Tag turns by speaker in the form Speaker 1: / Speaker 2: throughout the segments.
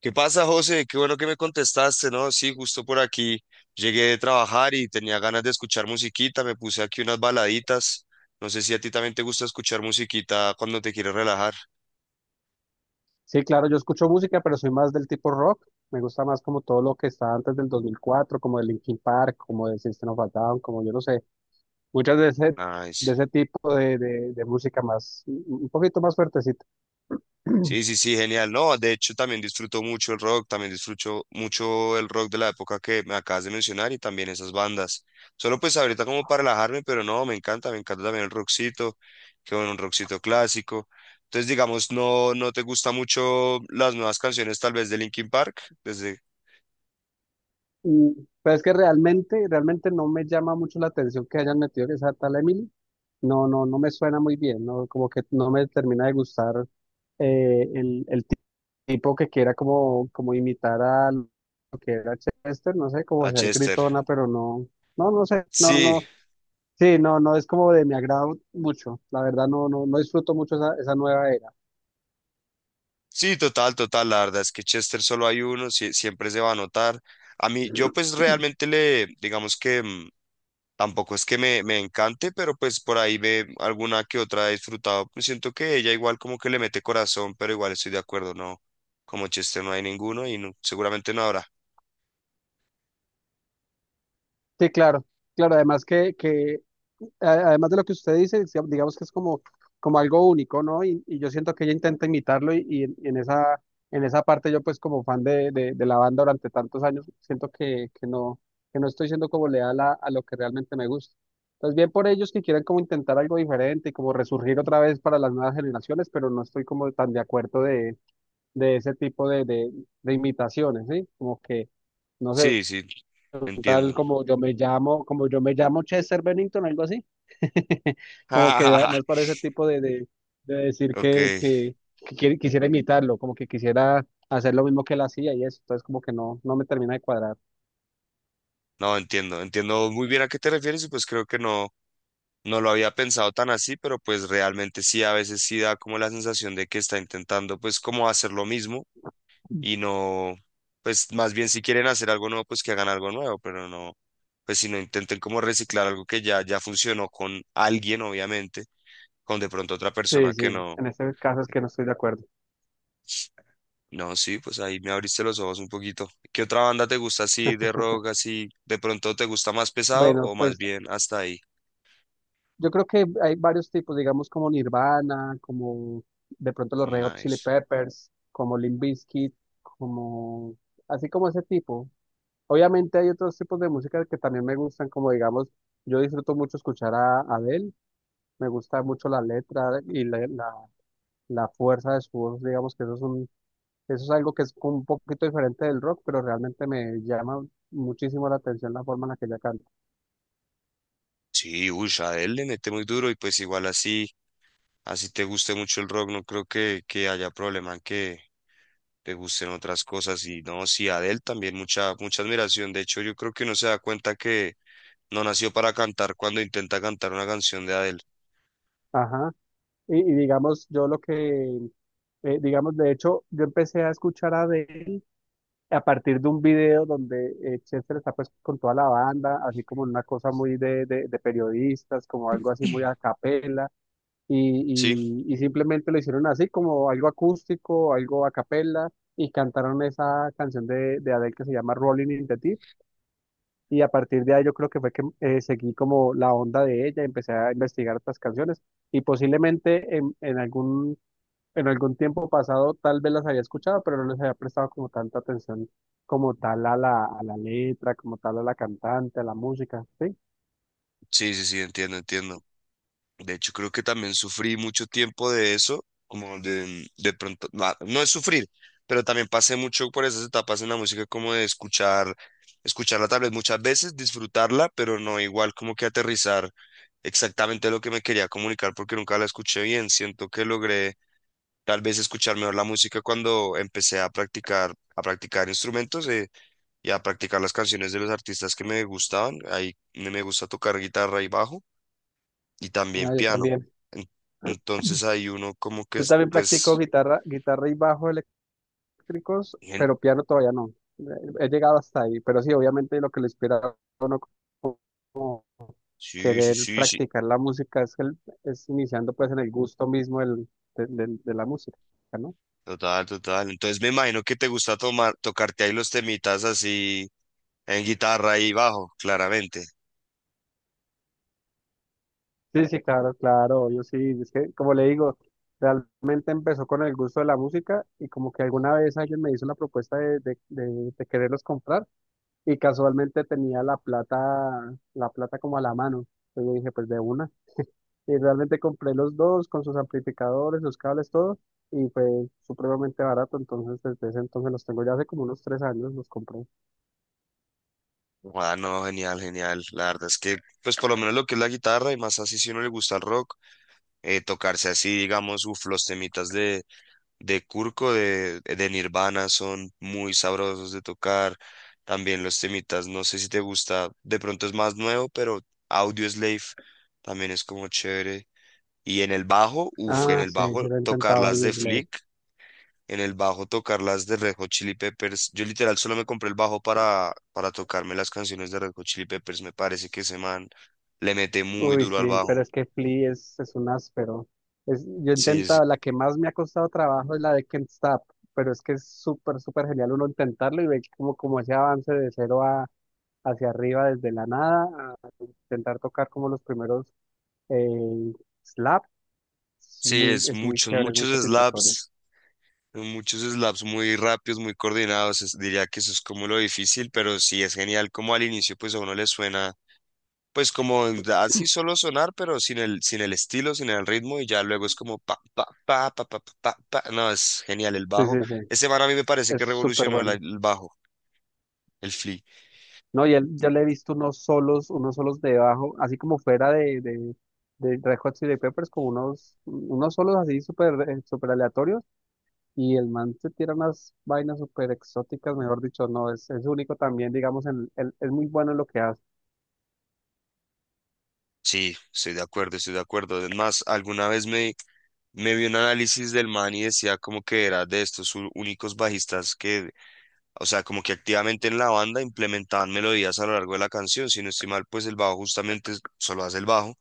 Speaker 1: ¿Qué pasa, José? Qué bueno que me contestaste, ¿no? Sí, justo por aquí llegué de trabajar y tenía ganas de escuchar musiquita, me puse aquí unas baladitas. No sé si a ti también te gusta escuchar musiquita cuando te quieres relajar.
Speaker 2: Sí, claro, yo escucho música, pero soy más del tipo rock. Me gusta más como todo lo que está antes del 2004 como de Linkin Park, como de System of a Down, como yo no sé, muchas de ese, de
Speaker 1: Nice.
Speaker 2: ese tipo de música más, un poquito más fuertecita.
Speaker 1: Sí, sí, sí, genial. No, de hecho también disfruto mucho el rock, también disfruto mucho el rock de la época que me acabas de mencionar y también esas bandas. Solo pues ahorita como para relajarme, pero no, me encanta también el rockcito, que bueno, un rockcito clásico. Entonces, digamos, no te gusta mucho las nuevas canciones tal vez de Linkin Park, desde
Speaker 2: Y, pero es que realmente no me llama mucho la atención que hayan metido esa tal Emily. No, no, no me suena muy bien, no, como que no me termina de gustar el tipo que quiera como imitar a lo que era Chester, no sé, como
Speaker 1: a
Speaker 2: ser
Speaker 1: Chester.
Speaker 2: gritona, pero no, no, no sé, no,
Speaker 1: Sí,
Speaker 2: no, sí, no, no es como de mi agrado mucho, la verdad no, no, no disfruto mucho esa nueva era.
Speaker 1: sí, total, total, la verdad es que Chester solo hay uno, siempre se va a notar. A mí, yo pues realmente le, digamos que... tampoco es que me encante, pero pues por ahí ve alguna que otra he disfrutado. Pues siento que ella igual como que le mete corazón, pero igual estoy de acuerdo, no. Como chiste no hay ninguno y no, seguramente no habrá.
Speaker 2: Sí, claro, claro, además además de lo que usted dice, digamos que es como algo único, ¿no? Y yo siento que ella intenta imitarlo y, y en esa parte yo pues como fan de la banda durante tantos años, siento que no estoy siendo como leal a lo que realmente me gusta. Entonces bien por ellos que quieran como intentar algo diferente y como resurgir otra vez para las nuevas generaciones, pero no estoy como tan de acuerdo de ese tipo de, de imitaciones, ¿sí? Como que, no sé,
Speaker 1: Sí, sí,
Speaker 2: tal
Speaker 1: entiendo.
Speaker 2: como yo me llamo, como yo me llamo Chester Bennington, algo así. Como que más para ese tipo de, de decir
Speaker 1: Ok,
Speaker 2: que quisiera imitarlo, como que quisiera hacer lo mismo que él hacía y eso. Entonces como que no, no me termina de cuadrar.
Speaker 1: no entiendo, entiendo muy bien a qué te refieres y pues creo que no, no lo había pensado tan así, pero pues realmente sí, a veces sí da como la sensación de que está intentando pues como hacer lo mismo y no, pues más bien si quieren hacer algo nuevo, pues que hagan algo nuevo, pero no, pues si no intenten como reciclar algo que ya, ya funcionó con alguien, obviamente, con de pronto otra
Speaker 2: Sí,
Speaker 1: persona que
Speaker 2: sí,
Speaker 1: no,
Speaker 2: en este caso es que no estoy de acuerdo.
Speaker 1: no, sí, pues ahí me abriste los ojos un poquito. ¿Qué otra banda te gusta así de rock, así, de pronto te gusta más pesado
Speaker 2: Bueno,
Speaker 1: o más
Speaker 2: pues
Speaker 1: bien hasta ahí?
Speaker 2: yo creo que hay varios tipos, digamos como Nirvana, como de pronto los Red Hot Chili
Speaker 1: Nice.
Speaker 2: Peppers, como Limp Bizkit, como así como ese tipo. Obviamente hay otros tipos de música que también me gustan, como digamos, yo disfruto mucho escuchar a Adele. Me gusta mucho la letra y la fuerza de su voz, digamos que eso es un, eso es algo que es un poquito diferente del rock, pero realmente me llama muchísimo la atención la forma en la que ella canta.
Speaker 1: Sí, uy, Adele le mete muy duro y pues igual así, así te guste mucho el rock, no creo que haya problema en que te gusten otras cosas. Y no, sí, Adele también mucha, mucha admiración. De hecho, yo creo que uno se da cuenta que no nació para cantar cuando intenta cantar una canción de Adele.
Speaker 2: Ajá. Y digamos, yo lo que, digamos, de hecho, yo empecé a escuchar a Adele a partir de un video donde Chester está pues con toda la banda, así como en una cosa muy de, de periodistas, como algo así muy a capela
Speaker 1: Sí,
Speaker 2: y, y simplemente lo hicieron así, como algo acústico, algo a capella, y cantaron esa canción de Adele que se llama Rolling in the Deep, y a partir de ahí yo creo que fue que seguí como la onda de ella, empecé a investigar otras canciones, y posiblemente en algún tiempo pasado tal vez las había escuchado, pero no les había prestado como tanta atención como tal a la letra, como tal a la cantante, a la música, ¿sí?
Speaker 1: sí, sí, sí, entiendo, entiendo. De hecho, creo que también sufrí mucho tiempo de eso, como de pronto, no, no es sufrir, pero también pasé mucho por esas etapas en la música, como de escucharla tal vez muchas veces, disfrutarla, pero no igual como que aterrizar exactamente lo que me quería comunicar porque nunca la escuché bien. Siento que logré tal vez escuchar mejor la música cuando empecé a practicar instrumentos y a practicar las canciones de los artistas que me gustaban. Ahí me gusta tocar guitarra y bajo y también
Speaker 2: Ah, yo
Speaker 1: piano.
Speaker 2: también.
Speaker 1: En- Entonces ahí uno como que
Speaker 2: Yo
Speaker 1: es,
Speaker 2: también practico
Speaker 1: pues,
Speaker 2: guitarra, guitarra y bajo eléctricos,
Speaker 1: gen-
Speaker 2: pero piano todavía no. Eh, He llegado hasta ahí, pero sí, obviamente lo que le inspira a uno como
Speaker 1: sí, sí,
Speaker 2: querer
Speaker 1: sí, sí,
Speaker 2: practicar la música es iniciando pues en el gusto mismo de la música, ¿no?
Speaker 1: total, total. Entonces me imagino que te gusta tocarte ahí los temitas así en guitarra y bajo, claramente.
Speaker 2: Sí, sí, claro, claro, yo sí, es que como le digo, realmente empezó con el gusto de la música y como que alguna vez alguien me hizo la propuesta de, de quererlos comprar. Y casualmente tenía la plata como a la mano. Entonces yo dije, pues de una. Y realmente compré los dos con sus amplificadores, los cables, todo. Y fue supremamente barato. Entonces desde ese entonces los tengo ya hace como unos 3 años los compré.
Speaker 1: Ah, no, genial, genial. La verdad es que, pues por lo menos lo que es la guitarra y más así si uno le gusta el rock. Tocarse así, digamos, uf, los temitas de Kurko, de Nirvana, son muy sabrosos de tocar. También los temitas, no sé si te gusta, de pronto es más nuevo, pero Audioslave también es como chévere. Y en el bajo, uff, en
Speaker 2: Ah,
Speaker 1: el
Speaker 2: sí,
Speaker 1: bajo
Speaker 2: sí lo he
Speaker 1: tocar
Speaker 2: intentado,
Speaker 1: las de
Speaker 2: Slay.
Speaker 1: Flick, en el bajo tocar las de Red Hot Chili Peppers. Yo literal solo me compré el bajo para tocarme las canciones de Red Hot Chili Peppers. Me parece que ese man le mete muy
Speaker 2: Uy,
Speaker 1: duro al
Speaker 2: sí, pero
Speaker 1: bajo.
Speaker 2: es que Flea es un áspero. Yo he
Speaker 1: Sí,
Speaker 2: intentado, la que más me ha costado trabajo es la de Can't Stop. Pero es que es súper, súper genial uno intentarlo y ver como, como ese avance de cero a hacia arriba desde la nada intentar tocar como los primeros eh, slaps,
Speaker 1: sí, es
Speaker 2: es muy
Speaker 1: muchos,
Speaker 2: chévere, es muy satisfactorio.
Speaker 1: muchos slaps muy rápidos, muy coordinados. Diría que eso es como lo difícil, pero sí es genial como al inicio pues a uno le suena pues como así solo sonar, pero sin el estilo, sin el ritmo y ya luego es como pa, pa, pa, pa, pa, pa, pa, pa. No, es genial el
Speaker 2: Sí,
Speaker 1: bajo.
Speaker 2: sí, sí,
Speaker 1: Ese man a mí me parece que
Speaker 2: es súper
Speaker 1: revolucionó
Speaker 2: bueno.
Speaker 1: el bajo, el flea.
Speaker 2: No, yo le he visto unos solos de bajo, así como fuera de, de Red Hot Chili Peppers, como unos solos así súper súper aleatorios, y el man se tira unas vainas súper exóticas, mejor dicho, no, es único también, digamos, es muy bueno en lo que hace.
Speaker 1: Sí, estoy de acuerdo, estoy de acuerdo. Además, alguna vez me... Me vi un análisis del man y decía como que era de estos únicos bajistas que... O sea, como que activamente en la banda implementaban melodías a lo largo de la canción. Si no estoy mal, pues el bajo justamente solo hace el bajo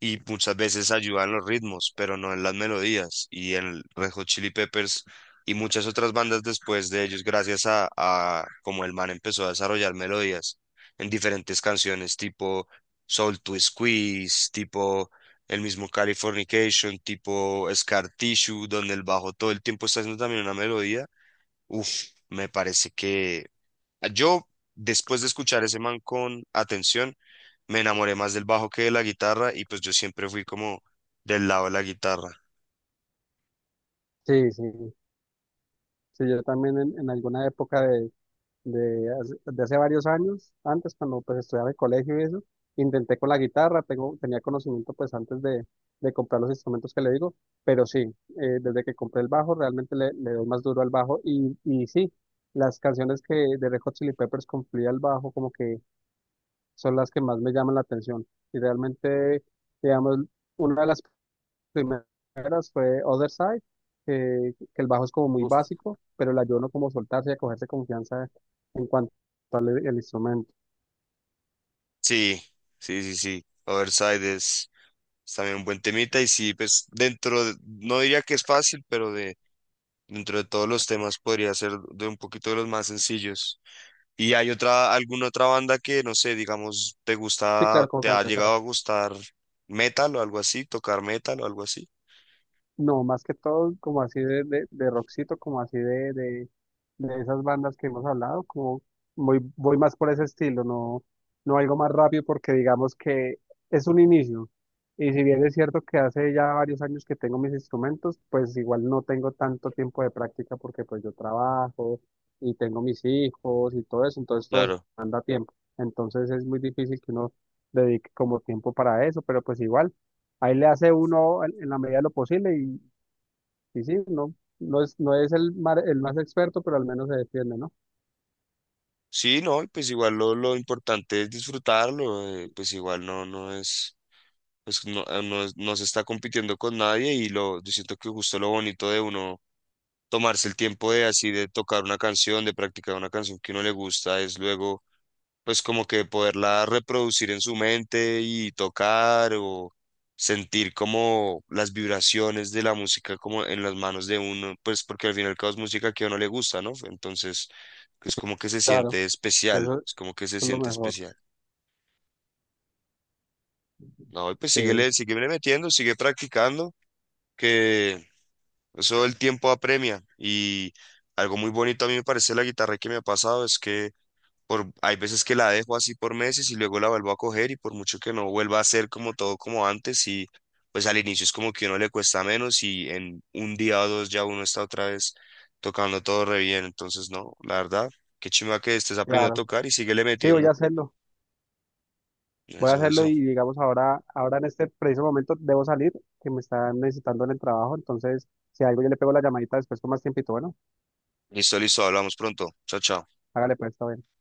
Speaker 1: y muchas veces ayuda en los ritmos, pero no en las melodías. Y en el Red Hot Chili Peppers y muchas otras bandas después de ellos, gracias a como el man empezó a desarrollar melodías en diferentes canciones, tipo Soul to Squeeze, tipo el mismo Californication, tipo Scar Tissue, donde el bajo todo el tiempo está haciendo también una melodía. Uf, me parece que yo, después de escuchar ese man con atención, me enamoré más del bajo que de la guitarra y pues yo siempre fui como del lado de la guitarra.
Speaker 2: Sí, sí, sí, yo también en alguna época de de hace varios años, antes cuando pues estudiaba en el colegio y eso, intenté con la guitarra, tenía conocimiento pues antes de comprar los instrumentos que le digo, pero sí, desde que compré el bajo realmente le doy más duro al bajo y sí, las canciones que de Red Hot Chili Peppers cumplía el bajo como que son las que más me llaman la atención y realmente, digamos, una de las primeras fue Other Side, que el bajo es como muy
Speaker 1: Uf.
Speaker 2: básico, pero el ayuno como soltarse y a cogerse confianza en cuanto al el instrumento.
Speaker 1: Sí, sí, sí, sí. Overside es también un buen temita y sí, pues no diría que es fácil, pero de dentro de todos los temas podría ser de un poquito de los más sencillos. ¿Y hay otra, alguna otra banda que, no sé, digamos, te
Speaker 2: Sí,
Speaker 1: gusta,
Speaker 2: claro, como
Speaker 1: te
Speaker 2: para
Speaker 1: ha
Speaker 2: empezar.
Speaker 1: llegado a gustar metal o algo así, tocar metal o algo así?
Speaker 2: No, más que todo como así de rockcito, como así de esas bandas que hemos hablado, como voy más por ese estilo, no, no algo más rápido porque digamos que es un inicio. Y si bien es cierto que hace ya varios años que tengo mis instrumentos, pues igual no tengo tanto tiempo de práctica porque pues yo trabajo y tengo mis hijos y todo eso, entonces todo eso manda tiempo. Entonces es muy difícil que uno dedique como tiempo para eso, pero pues igual. Ahí le hace uno en la medida de lo posible y sí, no, no es el, el más experto, pero al menos se defiende, ¿no?
Speaker 1: Sí, no, y pues igual lo importante es disfrutarlo, pues igual no, no es, pues no, no se está compitiendo con nadie y lo, yo siento que justo lo bonito de uno tomarse el tiempo de así, de tocar una canción, de practicar una canción que uno le gusta, es luego pues como que poderla reproducir en su mente y tocar o sentir como las vibraciones de la música como en las manos de uno, pues porque al fin y al cabo es música que a uno le gusta, ¿no? Entonces, es como que se
Speaker 2: Claro,
Speaker 1: siente
Speaker 2: eso,
Speaker 1: especial,
Speaker 2: eso
Speaker 1: es como que se
Speaker 2: es lo
Speaker 1: siente
Speaker 2: mejor.
Speaker 1: especial. No, y pues
Speaker 2: Sí,
Speaker 1: síguele, síguele metiendo, sigue practicando, que eso el tiempo apremia y algo muy bonito a mí me parece la guitarra que me ha pasado es que por, hay veces que la dejo así por meses y luego la vuelvo a coger y por mucho que no vuelva a ser como todo como antes y pues al inicio es como que uno le cuesta menos y en un día o dos ya uno está otra vez tocando todo re bien, entonces no, la verdad, qué chimba que estés aprendiendo
Speaker 2: claro.
Speaker 1: a tocar y síguele
Speaker 2: Sí, voy
Speaker 1: metiendo.
Speaker 2: a hacerlo. Voy a
Speaker 1: Eso,
Speaker 2: hacerlo
Speaker 1: eso.
Speaker 2: y digamos ahora, ahora en este preciso momento debo salir, que me están necesitando en el trabajo. Entonces, si algo yo le pego la llamadita después con más tiempito, bueno,
Speaker 1: Listo, listo, hablamos pronto. Chao, chao.
Speaker 2: hágale pues, está bien.